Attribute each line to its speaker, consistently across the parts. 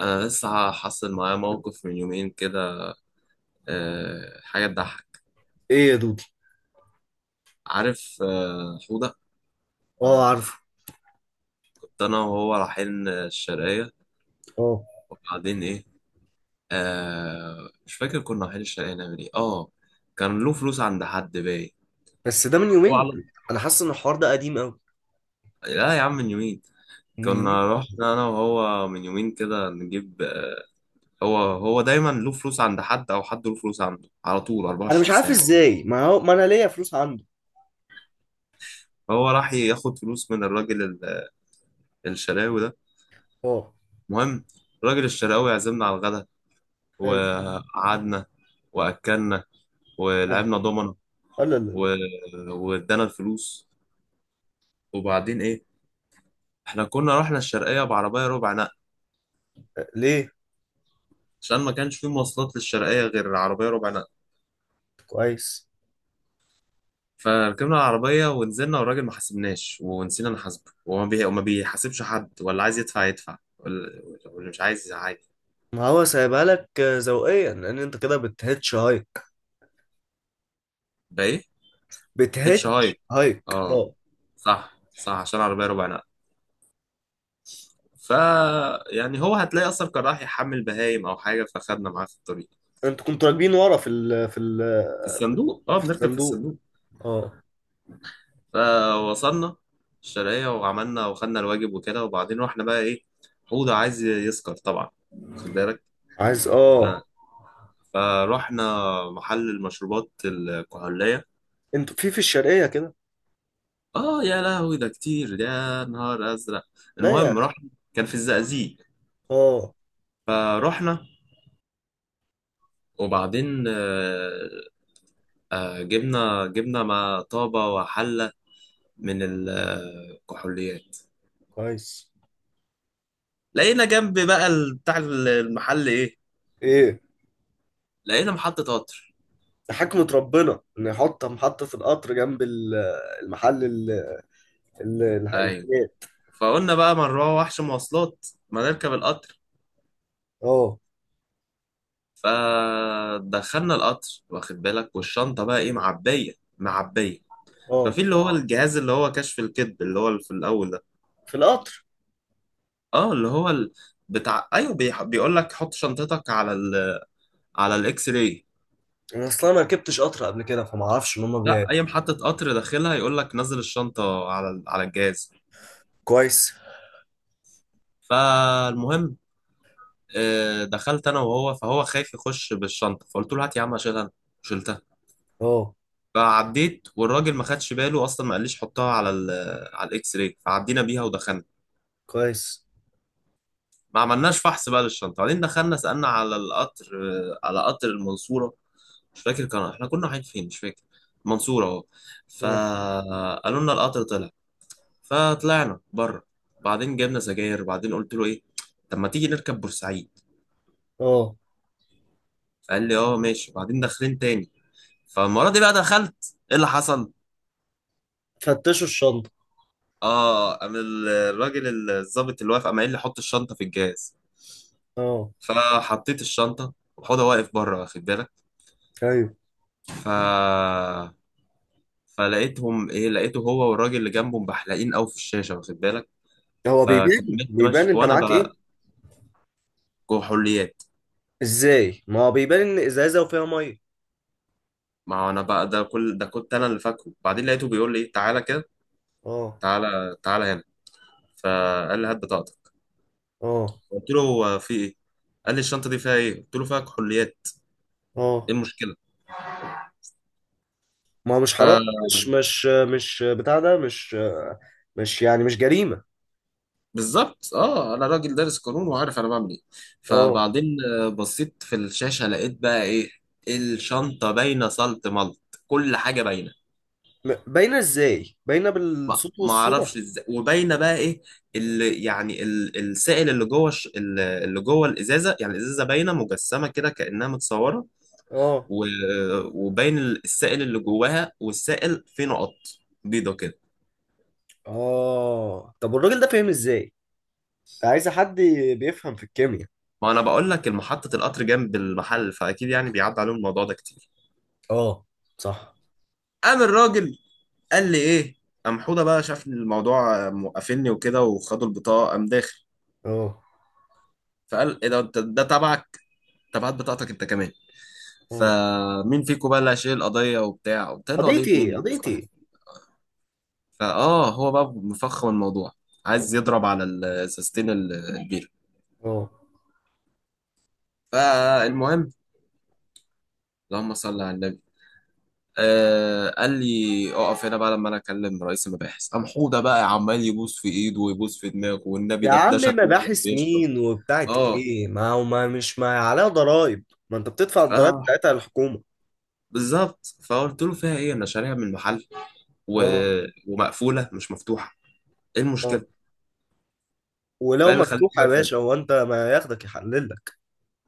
Speaker 1: أنا لسه حصل معايا موقف من يومين كده. حاجة تضحك.
Speaker 2: ايه يا دودي؟
Speaker 1: عارف حودة؟
Speaker 2: اه، عارفه.
Speaker 1: كنت أنا وهو رايحين الشرقية،
Speaker 2: اه،
Speaker 1: وبعدين إيه؟ مش فاكر، كنا رايحين الشرقية نعمل إيه؟ كان له فلوس عند حد باين.
Speaker 2: بس ده من
Speaker 1: هو
Speaker 2: يومين.
Speaker 1: على
Speaker 2: انا حاسس ان الحوار ده قديم قوي.
Speaker 1: لا يا عم، من يومين.
Speaker 2: من يومين.
Speaker 1: كنا رحنا أنا وهو من يومين كده نجيب، هو دايما له فلوس عند حد أو حد له فلوس عنده على طول
Speaker 2: انا مش
Speaker 1: 24
Speaker 2: عارف
Speaker 1: ساعة.
Speaker 2: ازاي، ما هو ما انا ليا فلوس عنده.
Speaker 1: فهو راح ياخد فلوس من الراجل الشراوي ده.
Speaker 2: اه.
Speaker 1: المهم، الراجل الشراوي عزمنا على الغدا،
Speaker 2: حلو
Speaker 1: وقعدنا واكلنا
Speaker 2: حلو.
Speaker 1: ولعبنا دومنا
Speaker 2: لا لا لا.
Speaker 1: و... وادانا الفلوس. وبعدين ايه؟ احنا كنا رحنا الشرقيه بعربيه ربع نقل،
Speaker 2: لا. ليه؟
Speaker 1: عشان ما كانش في مواصلات للشرقيه غير عربيه ربع نقل.
Speaker 2: كويس.
Speaker 1: فركبنا العربيه ونزلنا، والراجل ما حاسبناش، ونسينا نحاسبه، وما بيحاسبش حد، ولا عايز يدفع يدفع، واللي مش عايز عادي.
Speaker 2: ما هو سايبها لك، ذوقيا، لان انت كده بتهتش هايك.
Speaker 1: بقى ايه؟ اتش
Speaker 2: بتهتش
Speaker 1: هايك،
Speaker 2: هايك.
Speaker 1: اه،
Speaker 2: اه.
Speaker 1: صح صح عشان عربيه ربع نقل. ف يعني هو هتلاقي اصلا كان راح يحمل بهايم او حاجه، فخدنا معاه في الطريق.
Speaker 2: انتوا كنتوا راكبين ورا في ال،
Speaker 1: في الصندوق، اه،
Speaker 2: في
Speaker 1: بنركب في
Speaker 2: الصندوق.
Speaker 1: الصندوق.
Speaker 2: اه.
Speaker 1: فوصلنا الشرقية، وعملنا وخدنا الواجب وكده، وبعدين رحنا بقى ايه؟ حوضة عايز يسكر طبعا، خد بالك.
Speaker 2: عايز.
Speaker 1: ف-
Speaker 2: اه.
Speaker 1: فروحنا محل المشروبات الكحولية.
Speaker 2: انتوا في الشرقية كده؟
Speaker 1: اه يا لهوي، ده كتير، يا نهار ازرق.
Speaker 2: لا يا
Speaker 1: المهم
Speaker 2: اخي.
Speaker 1: رحنا، كان في الزقازيق.
Speaker 2: اه.
Speaker 1: فروحنا، وبعدين جبنا ما طابة وحلة من الكحوليات.
Speaker 2: كويس.
Speaker 1: لقينا جنب بقى بتاع المحل ايه،
Speaker 2: ايه.
Speaker 1: لقينا محطة قطر.
Speaker 2: ده حكمة ربنا إنه يحط محطة القطر جنب المحل
Speaker 1: ايوه.
Speaker 2: الحاجات.
Speaker 1: فقلنا بقى، ما نروح وحش مواصلات، ما نركب القطر.
Speaker 2: اه.
Speaker 1: فدخلنا القطر واخد بالك، والشنطة بقى ايه، معبية معبية.
Speaker 2: اه.
Speaker 1: ففي اللي هو اه الجهاز، اللي هو كشف الكذب، اللي هو اللي في الأول ده،
Speaker 2: في القطر.
Speaker 1: اه، اللي هو بتاع، ايوه، بيقول لك حط شنطتك على على الاكس راي.
Speaker 2: أنا أصلا ما ركبتش قطر قبل كده فما أعرفش إن هما بيعملوا.
Speaker 1: لا، اي محطة قطر داخلها يقول لك نزل الشنطة على على الجهاز.
Speaker 2: كويس.
Speaker 1: فالمهم، دخلت انا وهو، فهو خايف يخش بالشنطة، فقلت له هات يا عم اشيلها أنا. وشلتها.
Speaker 2: اه.
Speaker 1: فعديت، والراجل ما خدش باله اصلا، ما قاليش حطها على ال على الاكس راي، فعدينا بيها ودخلنا.
Speaker 2: كويس.
Speaker 1: ما عملناش فحص بقى للشنطه، بعدين دخلنا سالنا على القطر، على قطر المنصوره. مش فاكر كان احنا كنا رايحين فين، مش فاكر، المنصوره اهو.
Speaker 2: اه.
Speaker 1: فقالوا لنا القطر طلع، فطلعنا بره. بعدين جبنا سجاير، بعدين قلت له ايه، طب ما تيجي نركب بورسعيد؟
Speaker 2: اه.
Speaker 1: فقال لي اه ماشي، بعدين داخلين تاني. فالمره دي بقى دخلت، ايه اللي حصل؟
Speaker 2: فتشوا الشنطة.
Speaker 1: اه، قام الراجل الظابط اللي واقف، قايل لي حط الشنطه في الجهاز.
Speaker 2: اه.
Speaker 1: فحطيت الشنطة، وحوضة واقف بره واخد بالك.
Speaker 2: ايوه.
Speaker 1: ف... فلقيتهم ايه، لقيته هو والراجل اللي جنبه بحلقين قوي في الشاشة واخد بالك.
Speaker 2: هو بيبان
Speaker 1: فكملت
Speaker 2: بيبان
Speaker 1: ماشي
Speaker 2: أنت
Speaker 1: وانا
Speaker 2: معاك إيه؟
Speaker 1: بقى جوه حليات.
Speaker 2: إزاي؟ ما هو بيبان إن إزازة وفيها مية.
Speaker 1: ما هو انا بقى، ده كل ده كنت انا اللي فاكره، بعدين لقيته بيقول لي ايه، تعالى كده،
Speaker 2: اه.
Speaker 1: تعالى تعالى هنا. فقال لي هات بطاقتك،
Speaker 2: اه.
Speaker 1: قلت له هو في ايه؟ قال لي الشنطة دي فيها ايه؟ قلت له فيها كحوليات.
Speaker 2: اه.
Speaker 1: ايه
Speaker 2: ما هو مش حرام. مش
Speaker 1: المشكلة؟
Speaker 2: مش مش بتاع ده، مش يعني مش جريمة.
Speaker 1: بالظبط، اه، انا راجل دارس قانون وعارف انا بعمل ايه.
Speaker 2: اه.
Speaker 1: فبعدين بصيت في الشاشه، لقيت بقى ايه، الشنطه باينه صلت ملط، كل حاجه باينه.
Speaker 2: باينه ازاي؟ باينه
Speaker 1: ما
Speaker 2: بالصوت
Speaker 1: ما اعرفش
Speaker 2: والصوره.
Speaker 1: ازاي، وباينه بقى ايه، اللي يعني السائل اللي جوه اللي جوه الازازه، يعني الازازه باينه مجسمه كده كانها متصوره.
Speaker 2: اه.
Speaker 1: و- وباين السائل اللي جواها، والسائل فيه نقط بيضه كده.
Speaker 2: اه. طب والراجل ده فاهم ازاي؟ انت عايز حد بيفهم في الكيمياء.
Speaker 1: ما انا بقول لك محطه القطر جنب المحل، فاكيد يعني بيعدي عليهم الموضوع ده كتير.
Speaker 2: اه. صح.
Speaker 1: قام الراجل قال لي ايه، قام حوده بقى شاف إن الموضوع موقفني وكده، وخدوا البطاقه، قام داخل.
Speaker 2: اه.
Speaker 1: فقال ايه ده، انت ده تبعك، تبعت بطاقتك انت كمان.
Speaker 2: اه.
Speaker 1: فمين فيكم بقى اللي هيشيل القضيه وبتاع؟ قلت له قضيه
Speaker 2: قضيتي
Speaker 1: مين
Speaker 2: ايه؟
Speaker 1: يا عم،
Speaker 2: قضيتي
Speaker 1: صباح
Speaker 2: ايه؟
Speaker 1: الفل. هو بقى مفخم الموضوع،
Speaker 2: اه.
Speaker 1: عايز يضرب على السستين البير.
Speaker 2: آه.
Speaker 1: فالمهم، اللهم صل على النبي. آه، قال لي اقف هنا بقى لما انا اكلم رئيس المباحث. قام حوده بقى عمال يبوس في ايده ويبوس في دماغه، والنبي
Speaker 2: يا
Speaker 1: ده
Speaker 2: عم،
Speaker 1: شكل واحد
Speaker 2: مباحث
Speaker 1: بيشرب.
Speaker 2: مين وبتاعت ايه؟ ما هو، ما عليها ضرائب. ما انت بتدفع الضرائب
Speaker 1: اه
Speaker 2: بتاعتها للحكومه.
Speaker 1: بالظبط، فقلت له فيها ايه، انا شاريها من المحل و...
Speaker 2: اه.
Speaker 1: ومقفوله مش مفتوحه، ايه
Speaker 2: اه.
Speaker 1: المشكله؟
Speaker 2: ولو
Speaker 1: فايه اللي خليك
Speaker 2: مفتوحه يا
Speaker 1: واقف؟
Speaker 2: باشا، هو انت ما ياخدك يحلل لك؟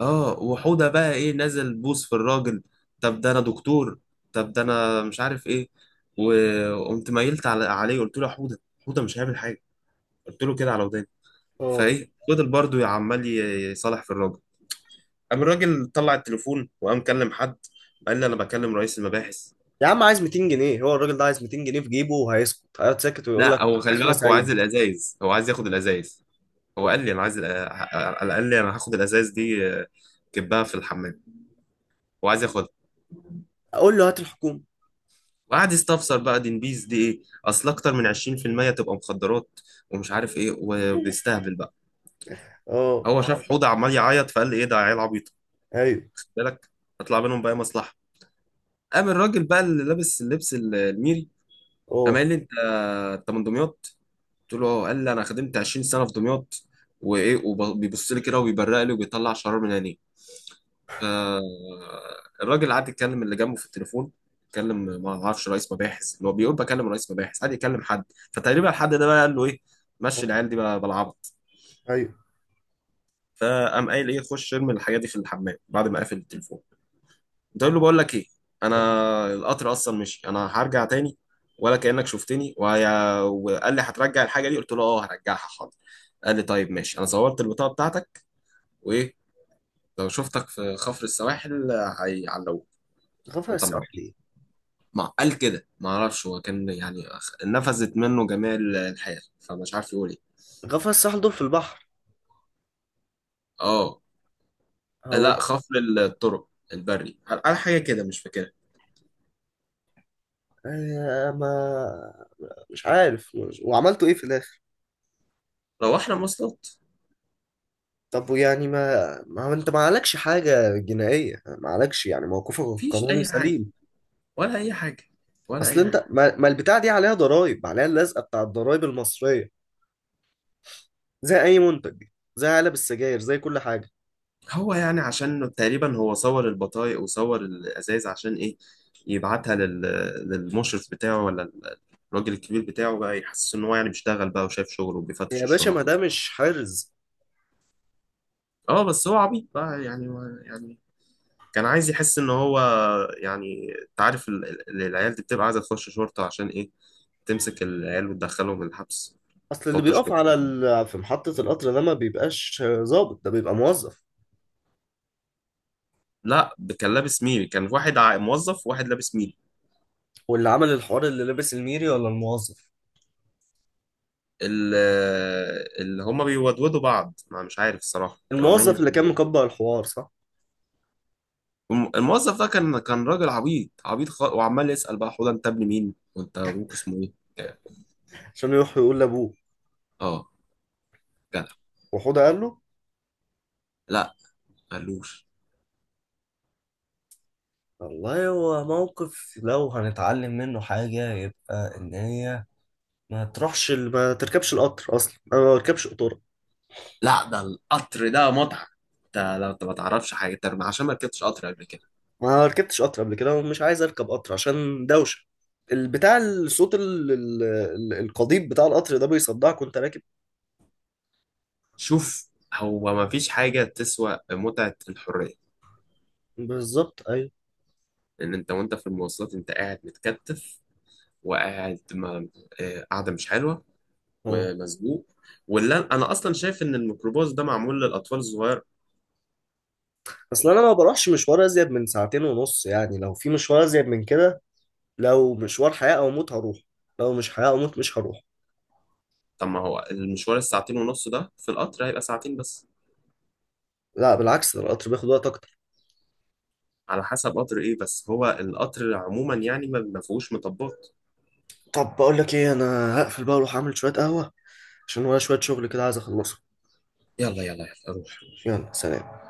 Speaker 1: اه، وحوده بقى ايه نازل بوس في الراجل، طب ده انا دكتور، طب ده انا مش عارف ايه. وقمت ميلت عليه، قلت له يا حوده، حوده مش هيعمل حاجه، قلت له كده على وداني.
Speaker 2: اه.
Speaker 1: فايه فضل برضه عمال يصالح في الراجل. قام الراجل طلع التليفون، وقام كلم حد، قال لي انا بكلم رئيس المباحث.
Speaker 2: يا عم، عايز 200 جنيه. هو الراجل ده عايز 200 جنيه في جيبه وهيسكت؟ هيقعد ساكت ويقول لك
Speaker 1: لا هو خلي
Speaker 2: احنا
Speaker 1: بالك، هو
Speaker 2: سعيد؟
Speaker 1: عايز الازايز، هو عايز ياخد الازايز. هو قال لي انا عايز، انا قال لي انا هاخد الازاز دي، كبها في الحمام، وعايز ياخدها.
Speaker 2: اقول له هات الحكومه.
Speaker 1: وقعد يستفسر بقى، دي نبيز، دي ايه، اصل اكتر من 20% تبقى مخدرات، ومش عارف ايه، وبيستهبل بقى.
Speaker 2: اه.
Speaker 1: هو شاف حوضه عمال يعيط، فقال لي ايه ده عيال عبيط،
Speaker 2: ايوه.
Speaker 1: خد بالك، هطلع منهم بقى مصلحه. قام الراجل بقى اللي لابس اللبس الميري، قام
Speaker 2: اه.
Speaker 1: قال لي انت، انت من دمياط؟ قلت له اه، قال لي انا خدمت 20 سنه في دمياط، وايه، وبيبص لي كده وبيبرق لي وبيطلع شرار من عينيه. فالراجل قعد يتكلم اللي جنبه في التليفون، اتكلم، ما اعرفش رئيس مباحث، اللي هو بيقول بكلم رئيس مباحث، قعد يكلم حد. فتقريبا الحد ده بقى قال له ايه،
Speaker 2: آه.
Speaker 1: مشي العيال دي بقى بالعبط.
Speaker 2: ايوه.
Speaker 1: فقام قايل ايه، خش ارمي الحاجه دي في الحمام، بعد ما قافل التليفون. قلت له بقول لك ايه، انا
Speaker 2: آه.
Speaker 1: القطر اصلا مشي، انا هرجع تاني، ولا كانك شفتني، وقال لي هترجع الحاجه دي، قلت له اه هرجعها حاضر. قال لي طيب ماشي، انا صورت البطاقه بتاعتك، وايه، لو شفتك في خفر السواحل هيعلقوك
Speaker 2: غفر
Speaker 1: وانت مروح،
Speaker 2: الساحل ايه؟
Speaker 1: ما قال كده. ما اعرفش هو كان يعني نفذت منه جميع الحياة، فمش عارف يقول ايه.
Speaker 2: غفر الساحل دول في البحر.
Speaker 1: اه،
Speaker 2: هو.
Speaker 1: لا خفر الطرق البري، قال حاجة كده مش فاكرها.
Speaker 2: آه، ما مش عارف. وعملتوا ايه في الاخر؟
Speaker 1: روحنا مواصلات.
Speaker 2: طب يعني، ما هو انت ما عليكش حاجه جنائيه. ما عليكش، يعني موقفك
Speaker 1: مفيش
Speaker 2: القانوني
Speaker 1: اي حاجة،
Speaker 2: سليم.
Speaker 1: ولا اي حاجة، ولا
Speaker 2: اصل
Speaker 1: اي حاجة.
Speaker 2: انت ما البتاع دي عليها ضرائب، عليها اللزقه بتاع الضرائب المصريه. زي اي منتج. زي علب السجاير، زي كل حاجه.
Speaker 1: هو يعني عشان تقريبا هو صور البطايق وصور الازايز عشان ايه، يبعتها للمشرف بتاعه، ولا الراجل الكبير بتاعه بقى، يحسس ان هو يعني بيشتغل بقى وشايف شغله وبيفتش
Speaker 2: يا باشا ما
Speaker 1: الشنط
Speaker 2: ده
Speaker 1: وكده.
Speaker 2: مش حرز.
Speaker 1: اه، بس هو عبيط بقى يعني، يعني كان عايز يحس ان هو، يعني انت عارف العيال دي بتبقى عايزه تخش شرطه عشان ايه، تمسك العيال وتدخلهم الحبس،
Speaker 2: اصل اللي
Speaker 1: تقعد
Speaker 2: بيقف
Speaker 1: تشخط فيهم.
Speaker 2: في محطة القطر ده ما بيبقاش ظابط، ده بيبقى موظف.
Speaker 1: لا ده كان لابس ميري، كان واحد موظف وواحد لابس ميري.
Speaker 2: واللي عمل الحوار اللي لابس الميري ولا الموظف؟
Speaker 1: ال- اللي هما بيودودوا بعض، ما مش عارف الصراحه كانوا عمالين
Speaker 2: الموظف اللي كان
Speaker 1: يتكلموا.
Speaker 2: مكبر الحوار، صح.
Speaker 1: الموظف ده كان راجل عبيط عبيط وعمال يسال بقى حوده انت ابن مين، وانت ابوك اسمه ايه يعني.
Speaker 2: عشان يروح يقول لابوه.
Speaker 1: اه جدع.
Speaker 2: وحوده قال له.
Speaker 1: لا قالوش.
Speaker 2: والله هو موقف. لو هنتعلم منه حاجة يبقى إن هي ما تروحش ال- ما تركبش القطر أصلا. أنا ما بركبش قطورة.
Speaker 1: لا ده القطر ده متعة، انت لو انت ما تعرفش حاجة، انت عشان ما ركبتش قطر قبل كده.
Speaker 2: ما ركبتش قطر قبل كده ومش عايز أركب قطر عشان دوشة. البتاع، الصوت القضيب بتاع القطر ده بيصدعك وأنت راكب.
Speaker 1: شوف، هو ما فيش حاجة تسوى متعة الحرية.
Speaker 2: بالظبط.
Speaker 1: ان انت وانت في المواصلات انت قاعد متكتف، وقاعد ما قاعدة مش حلوة
Speaker 2: أيوه.
Speaker 1: ومسبوق. ولا انا اصلا شايف ان الميكروباص ده معمول للاطفال الصغير.
Speaker 2: اصل انا ما بروحش مشوار ازيد من ساعتين ونص. يعني لو في مشوار ازيد من كده، لو مشوار حياة او موت هروح. لو مش حياة او موت مش هروح.
Speaker 1: طب ما هو المشوار الساعتين ونص ده في القطر هيبقى ساعتين بس،
Speaker 2: لا، بالعكس، ده القطر بياخد وقت اكتر.
Speaker 1: على حسب قطر ايه، بس هو القطر عموما يعني ما فيهوش مطبات.
Speaker 2: طب بقول لك ايه، انا هقفل بقى واروح اعمل شوية قهوة عشان ورايا شوية شغل كده عايز اخلصه.
Speaker 1: يلا يلا يلا روح.
Speaker 2: يلا سلام.